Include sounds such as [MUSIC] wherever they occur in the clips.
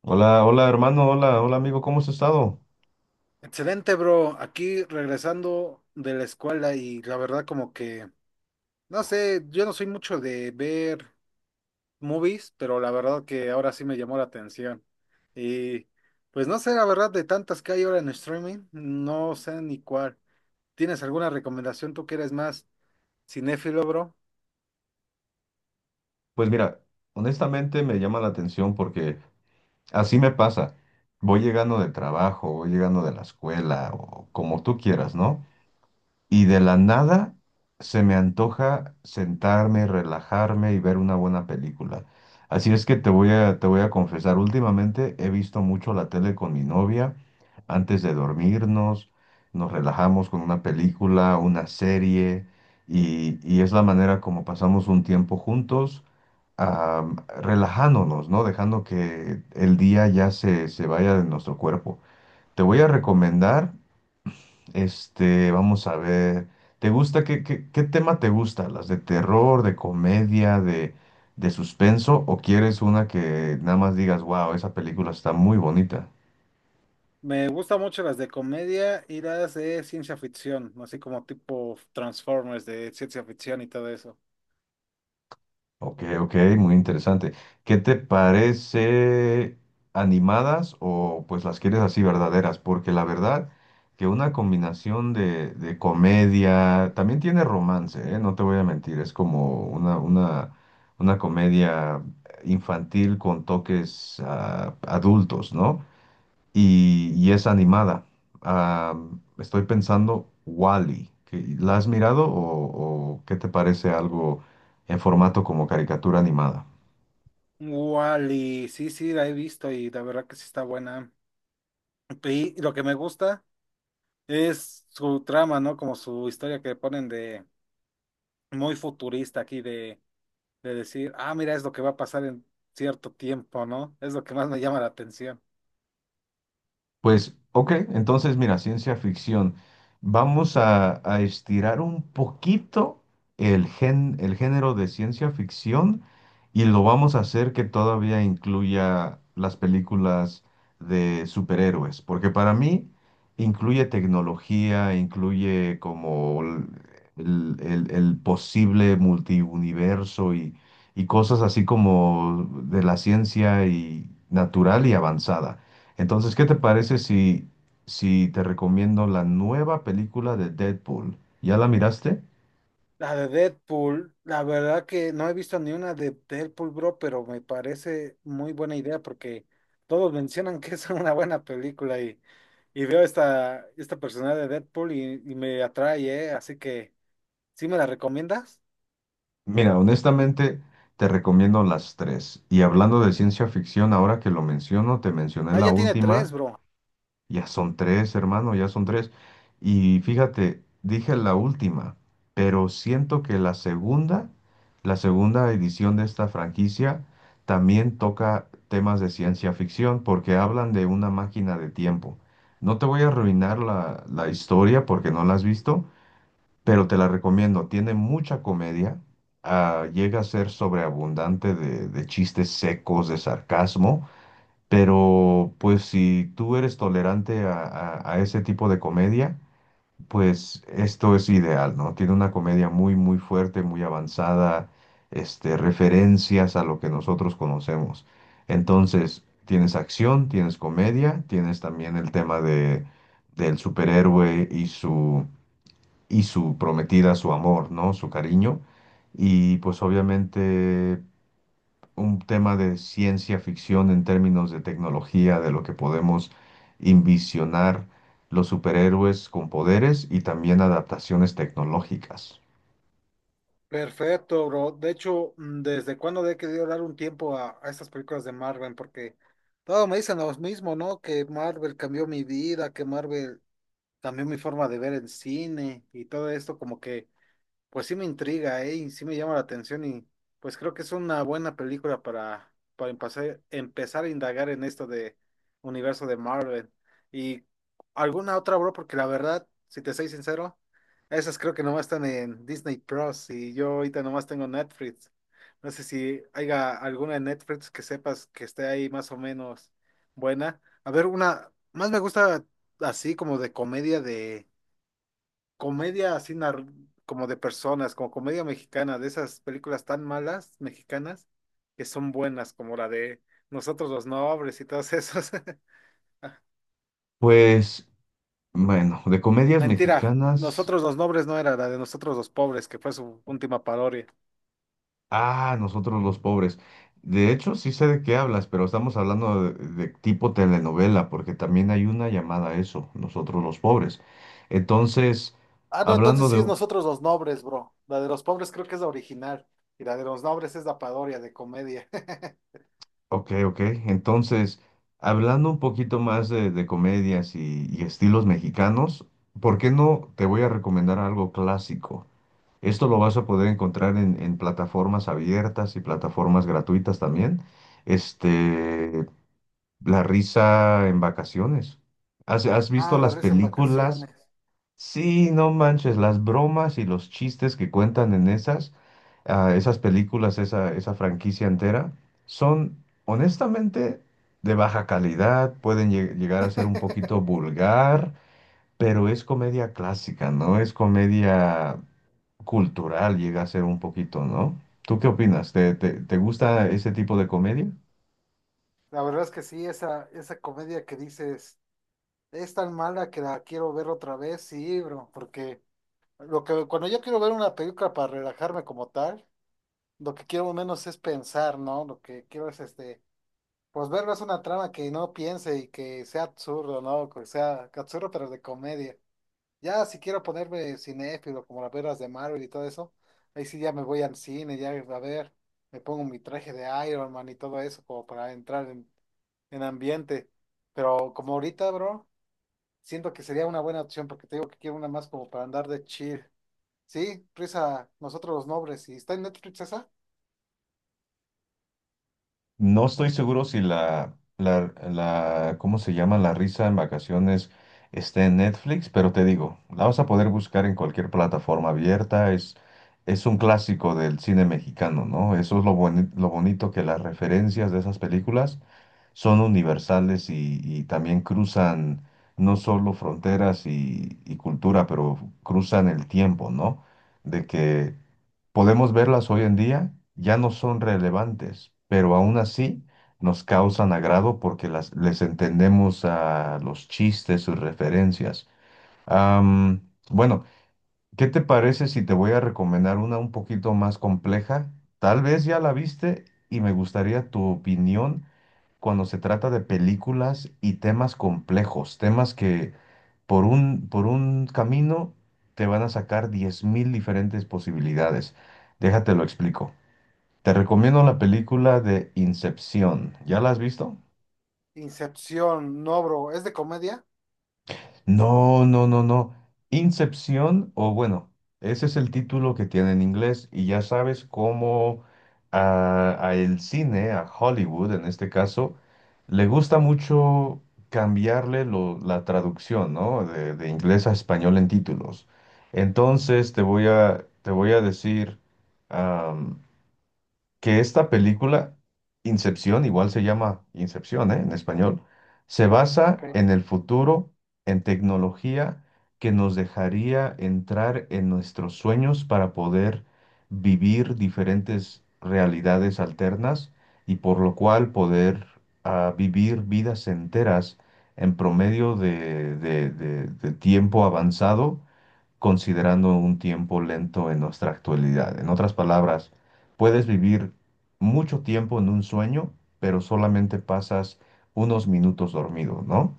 Hola, hola hermano, hola, hola amigo, ¿cómo has estado? Excelente, bro. Aquí regresando de la escuela y la verdad como que, no sé, yo no soy mucho de ver movies, pero la verdad que ahora sí me llamó la atención. Y pues no sé, la verdad de tantas que hay ahora en streaming, no sé ni cuál. ¿Tienes alguna recomendación tú que eres más cinéfilo, bro? Pues mira, honestamente me llama la atención porque así me pasa. Voy llegando del trabajo, voy llegando de la escuela o como tú quieras, ¿no? Y de la nada se me antoja sentarme, relajarme y ver una buena película. Así es que te voy a confesar, últimamente he visto mucho la tele con mi novia. Antes de dormirnos, nos relajamos con una película, una serie, y es la manera como pasamos un tiempo juntos, am, relajándonos, ¿no? Dejando que el día ya se vaya de nuestro cuerpo. Te voy a recomendar. Vamos a ver. ¿Te gusta? ¿Qué tema te gusta? ¿Las de terror, de comedia, de suspenso? ¿O quieres una que nada más digas, wow, esa película está muy bonita? Me gustan mucho las de comedia y las de ciencia ficción, así como tipo Transformers de ciencia ficción y todo eso. Ok, ok, muy interesante. ¿Qué te parece animadas o pues las quieres así verdaderas? Porque la verdad que una combinación de comedia, también tiene romance, ¿eh? No te voy a mentir, es como una comedia infantil con toques adultos, ¿no? Y es animada. Ah, estoy pensando Wally. ¿La has mirado o qué te parece algo en formato como caricatura animada? Wally, sí, sí, la he visto y la verdad que sí está buena. Y lo que me gusta es su trama, ¿no? Como su historia que ponen de muy futurista aquí, de decir, ah, mira, es lo que va a pasar en cierto tiempo, ¿no? Es lo que más me llama la atención. Pues, ok, entonces mira, ciencia ficción. Vamos a estirar un poquito el género de ciencia ficción y lo vamos a hacer que todavía incluya las películas de superhéroes, porque para mí incluye tecnología, incluye como el posible multiuniverso y cosas así como de la ciencia y natural y avanzada. Entonces, ¿qué te parece si te recomiendo la nueva película de Deadpool? ¿Ya la miraste? La de Deadpool, la verdad que no he visto ni una de Deadpool, bro, pero me parece muy buena idea porque todos mencionan [LAUGHS] que es una buena película y veo esta personalidad de Deadpool y me atrae, ¿eh? Así que ¿sí me la recomiendas? Mira, honestamente, te recomiendo las tres. Y hablando de ciencia ficción, ahora que lo menciono, te mencioné Ah, la ya tiene última. tres, bro. Ya son tres, hermano, ya son tres. Y fíjate, dije la última, pero siento que la segunda edición de esta franquicia también toca temas de ciencia ficción porque hablan de una máquina de tiempo. No te voy a arruinar la historia porque no la has visto, pero te la recomiendo. Tiene mucha comedia, llega a ser sobreabundante de chistes secos, de sarcasmo. Pero pues si tú eres tolerante a, a ese tipo de comedia, pues esto es ideal, ¿no? Tiene una comedia muy, muy fuerte, muy avanzada, referencias a lo que nosotros conocemos. Entonces, tienes acción, tienes comedia, tienes también el tema del superhéroe y y su prometida, su amor, ¿no? Su cariño. Y pues obviamente un tema de ciencia ficción en términos de tecnología, de lo que podemos envisionar los superhéroes con poderes y también adaptaciones tecnológicas. Perfecto, bro. De hecho, ¿desde cuándo le he querido dar un tiempo a estas películas de Marvel? Porque todos me dicen lo mismo, ¿no? Que Marvel cambió mi vida, que Marvel cambió mi forma de ver el cine y todo esto, como que pues sí me intriga, ¿eh? Y sí me llama la atención y pues creo que es una buena película para empezar, empezar a indagar en esto de universo de Marvel. Y alguna otra, bro, porque la verdad, si te soy sincero, esas creo que nomás están en Disney Plus y yo ahorita nomás tengo Netflix. No sé si haya alguna en Netflix que sepas que esté ahí más o menos buena. A ver, una, más me gusta así como de comedia como de personas, como comedia mexicana, de esas películas tan malas mexicanas que son buenas, como la de Nosotros los Nobles y todas esas. [LAUGHS] Pues, bueno, de comedias Mentira, mexicanas, Nosotros los Nobles no era la de Nosotros los Pobres, que fue su última parodia. Nosotros los pobres. De hecho, sí sé de qué hablas, pero estamos hablando de tipo telenovela, porque también hay una llamada a eso, nosotros los pobres. Entonces, Ah, no, entonces hablando sí es de Nosotros los Nobles, bro. La de los pobres creo que es la original y la de los nobles es la parodia de comedia. [LAUGHS] Ok, ok. Entonces, hablando un poquito más de comedias y estilos mexicanos, ¿por qué no te voy a recomendar algo clásico? Esto lo vas a poder encontrar en plataformas abiertas y plataformas gratuitas también. Este, La risa en vacaciones. Has Ah, visto la las risa en películas? vacaciones. Sí, no manches, las bromas y los chistes que cuentan en esas, esas películas, esa franquicia entera, son honestamente de baja calidad, pueden llegar a ser un poquito vulgar, pero es comedia clásica, ¿no? Es comedia cultural, llega a ser un poquito, ¿no? ¿Tú qué opinas? Te gusta ese tipo de comedia? La verdad es que sí, esa comedia que dices. Es tan mala que la quiero ver otra vez, sí, bro, porque lo que cuando yo quiero ver una película para relajarme como tal, lo que quiero menos es pensar, ¿no? Lo que quiero es este, pues verlo es una trama que no piense y que sea absurdo, ¿no? Que sea absurdo pero de comedia. Ya si quiero ponerme cinéfilo como las veras de Marvel y todo eso, ahí sí ya me voy al cine, ya a ver, me pongo mi traje de Iron Man y todo eso como para entrar en ambiente. Pero como ahorita, bro. Siento que sería una buena opción porque te digo que quiero una más como para andar de chill. Sí, risa, nosotros los nobles. ¿Y está en Netflix esa? No estoy seguro si la, ¿cómo se llama? La risa en vacaciones está en Netflix, pero te digo, la vas a poder buscar en cualquier plataforma abierta. Es un clásico del cine mexicano, ¿no? Eso es lo lo bonito que las referencias de esas películas son universales y también cruzan no solo fronteras y cultura, pero cruzan el tiempo, ¿no? De que podemos verlas hoy en día, ya no son relevantes, pero aún así nos causan agrado porque les entendemos a los chistes, sus referencias. Am, bueno, ¿qué te parece si te voy a recomendar una un poquito más compleja? Tal vez ya la viste y me gustaría tu opinión cuando se trata de películas y temas complejos, temas que por un camino te van a sacar 10.000 diferentes posibilidades. Déjate lo explico. Te recomiendo la película de Incepción. ¿Ya la has visto? Incepción, no, bro. ¿Es de comedia? No, no, no, no. Incepción, o bueno, ese es el título que tiene en inglés y ya sabes cómo a el cine, a Hollywood en este caso, le gusta mucho cambiarle la traducción, ¿no? De inglés a español en títulos. Entonces te voy a decir, que esta película, Incepción, igual se llama Incepción, ¿eh? En español, se Ok. basa en el futuro, en tecnología que nos dejaría entrar en nuestros sueños para poder vivir diferentes realidades alternas y por lo cual poder vivir vidas enteras en promedio de, de tiempo avanzado considerando un tiempo lento en nuestra actualidad. En otras palabras, puedes vivir mucho tiempo en un sueño, pero solamente pasas unos minutos dormido, ¿no?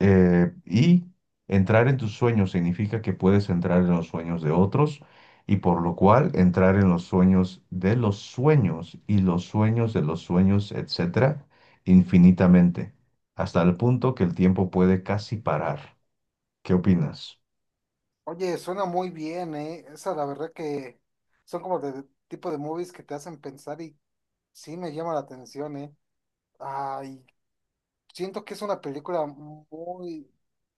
Y entrar en tus sueños significa que puedes entrar en los sueños de otros y por lo cual entrar en los sueños de los sueños y los sueños de los sueños, etcétera, infinitamente, hasta el punto que el tiempo puede casi parar. ¿Qué opinas? Oye, suena muy bien, ¿eh? Esa, la verdad que son como de tipo de movies que te hacen pensar y sí me llama la atención, ¿eh? Ay, siento que es una película muy,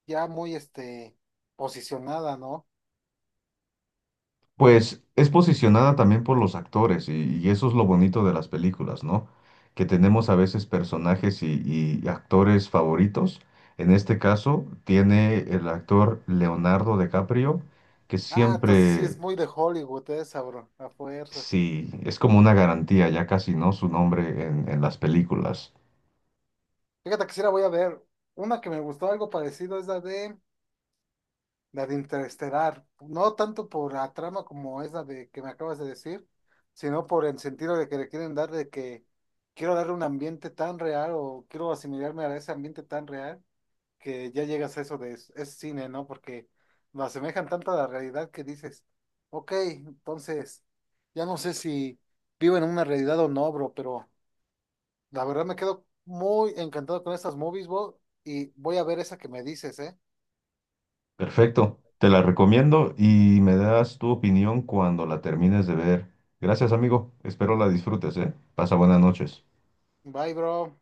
ya muy, este, posicionada, ¿no? Pues es posicionada también por los actores y eso es lo bonito de las películas, ¿no? Que tenemos a veces personajes y actores favoritos. En este caso tiene el actor Leonardo DiCaprio, que Ah, entonces sí siempre, es muy de Hollywood esa, bro, a fuerzas. sí, es como una garantía, ya casi, ¿no? Su nombre en las películas. Fíjate que sí la voy a ver. Una que me gustó algo parecido es la de Interestelar. No tanto por la trama como es la de que me acabas de decir, sino por el sentido de que le quieren dar de que quiero darle un ambiente tan real o quiero asimilarme a ese ambiente tan real que ya llegas a eso de es cine, ¿no? Porque lo asemejan tanto a la realidad que dices, ok, entonces ya no sé si vivo en una realidad o no, bro, pero la verdad me quedo muy encantado con estas movies, bro, y voy a ver esa que me dices, ¿eh? Perfecto, te la recomiendo y me das tu opinión cuando la termines de ver. Gracias, amigo. Espero la disfrutes, ¿eh? Pasa buenas noches. Bye, bro.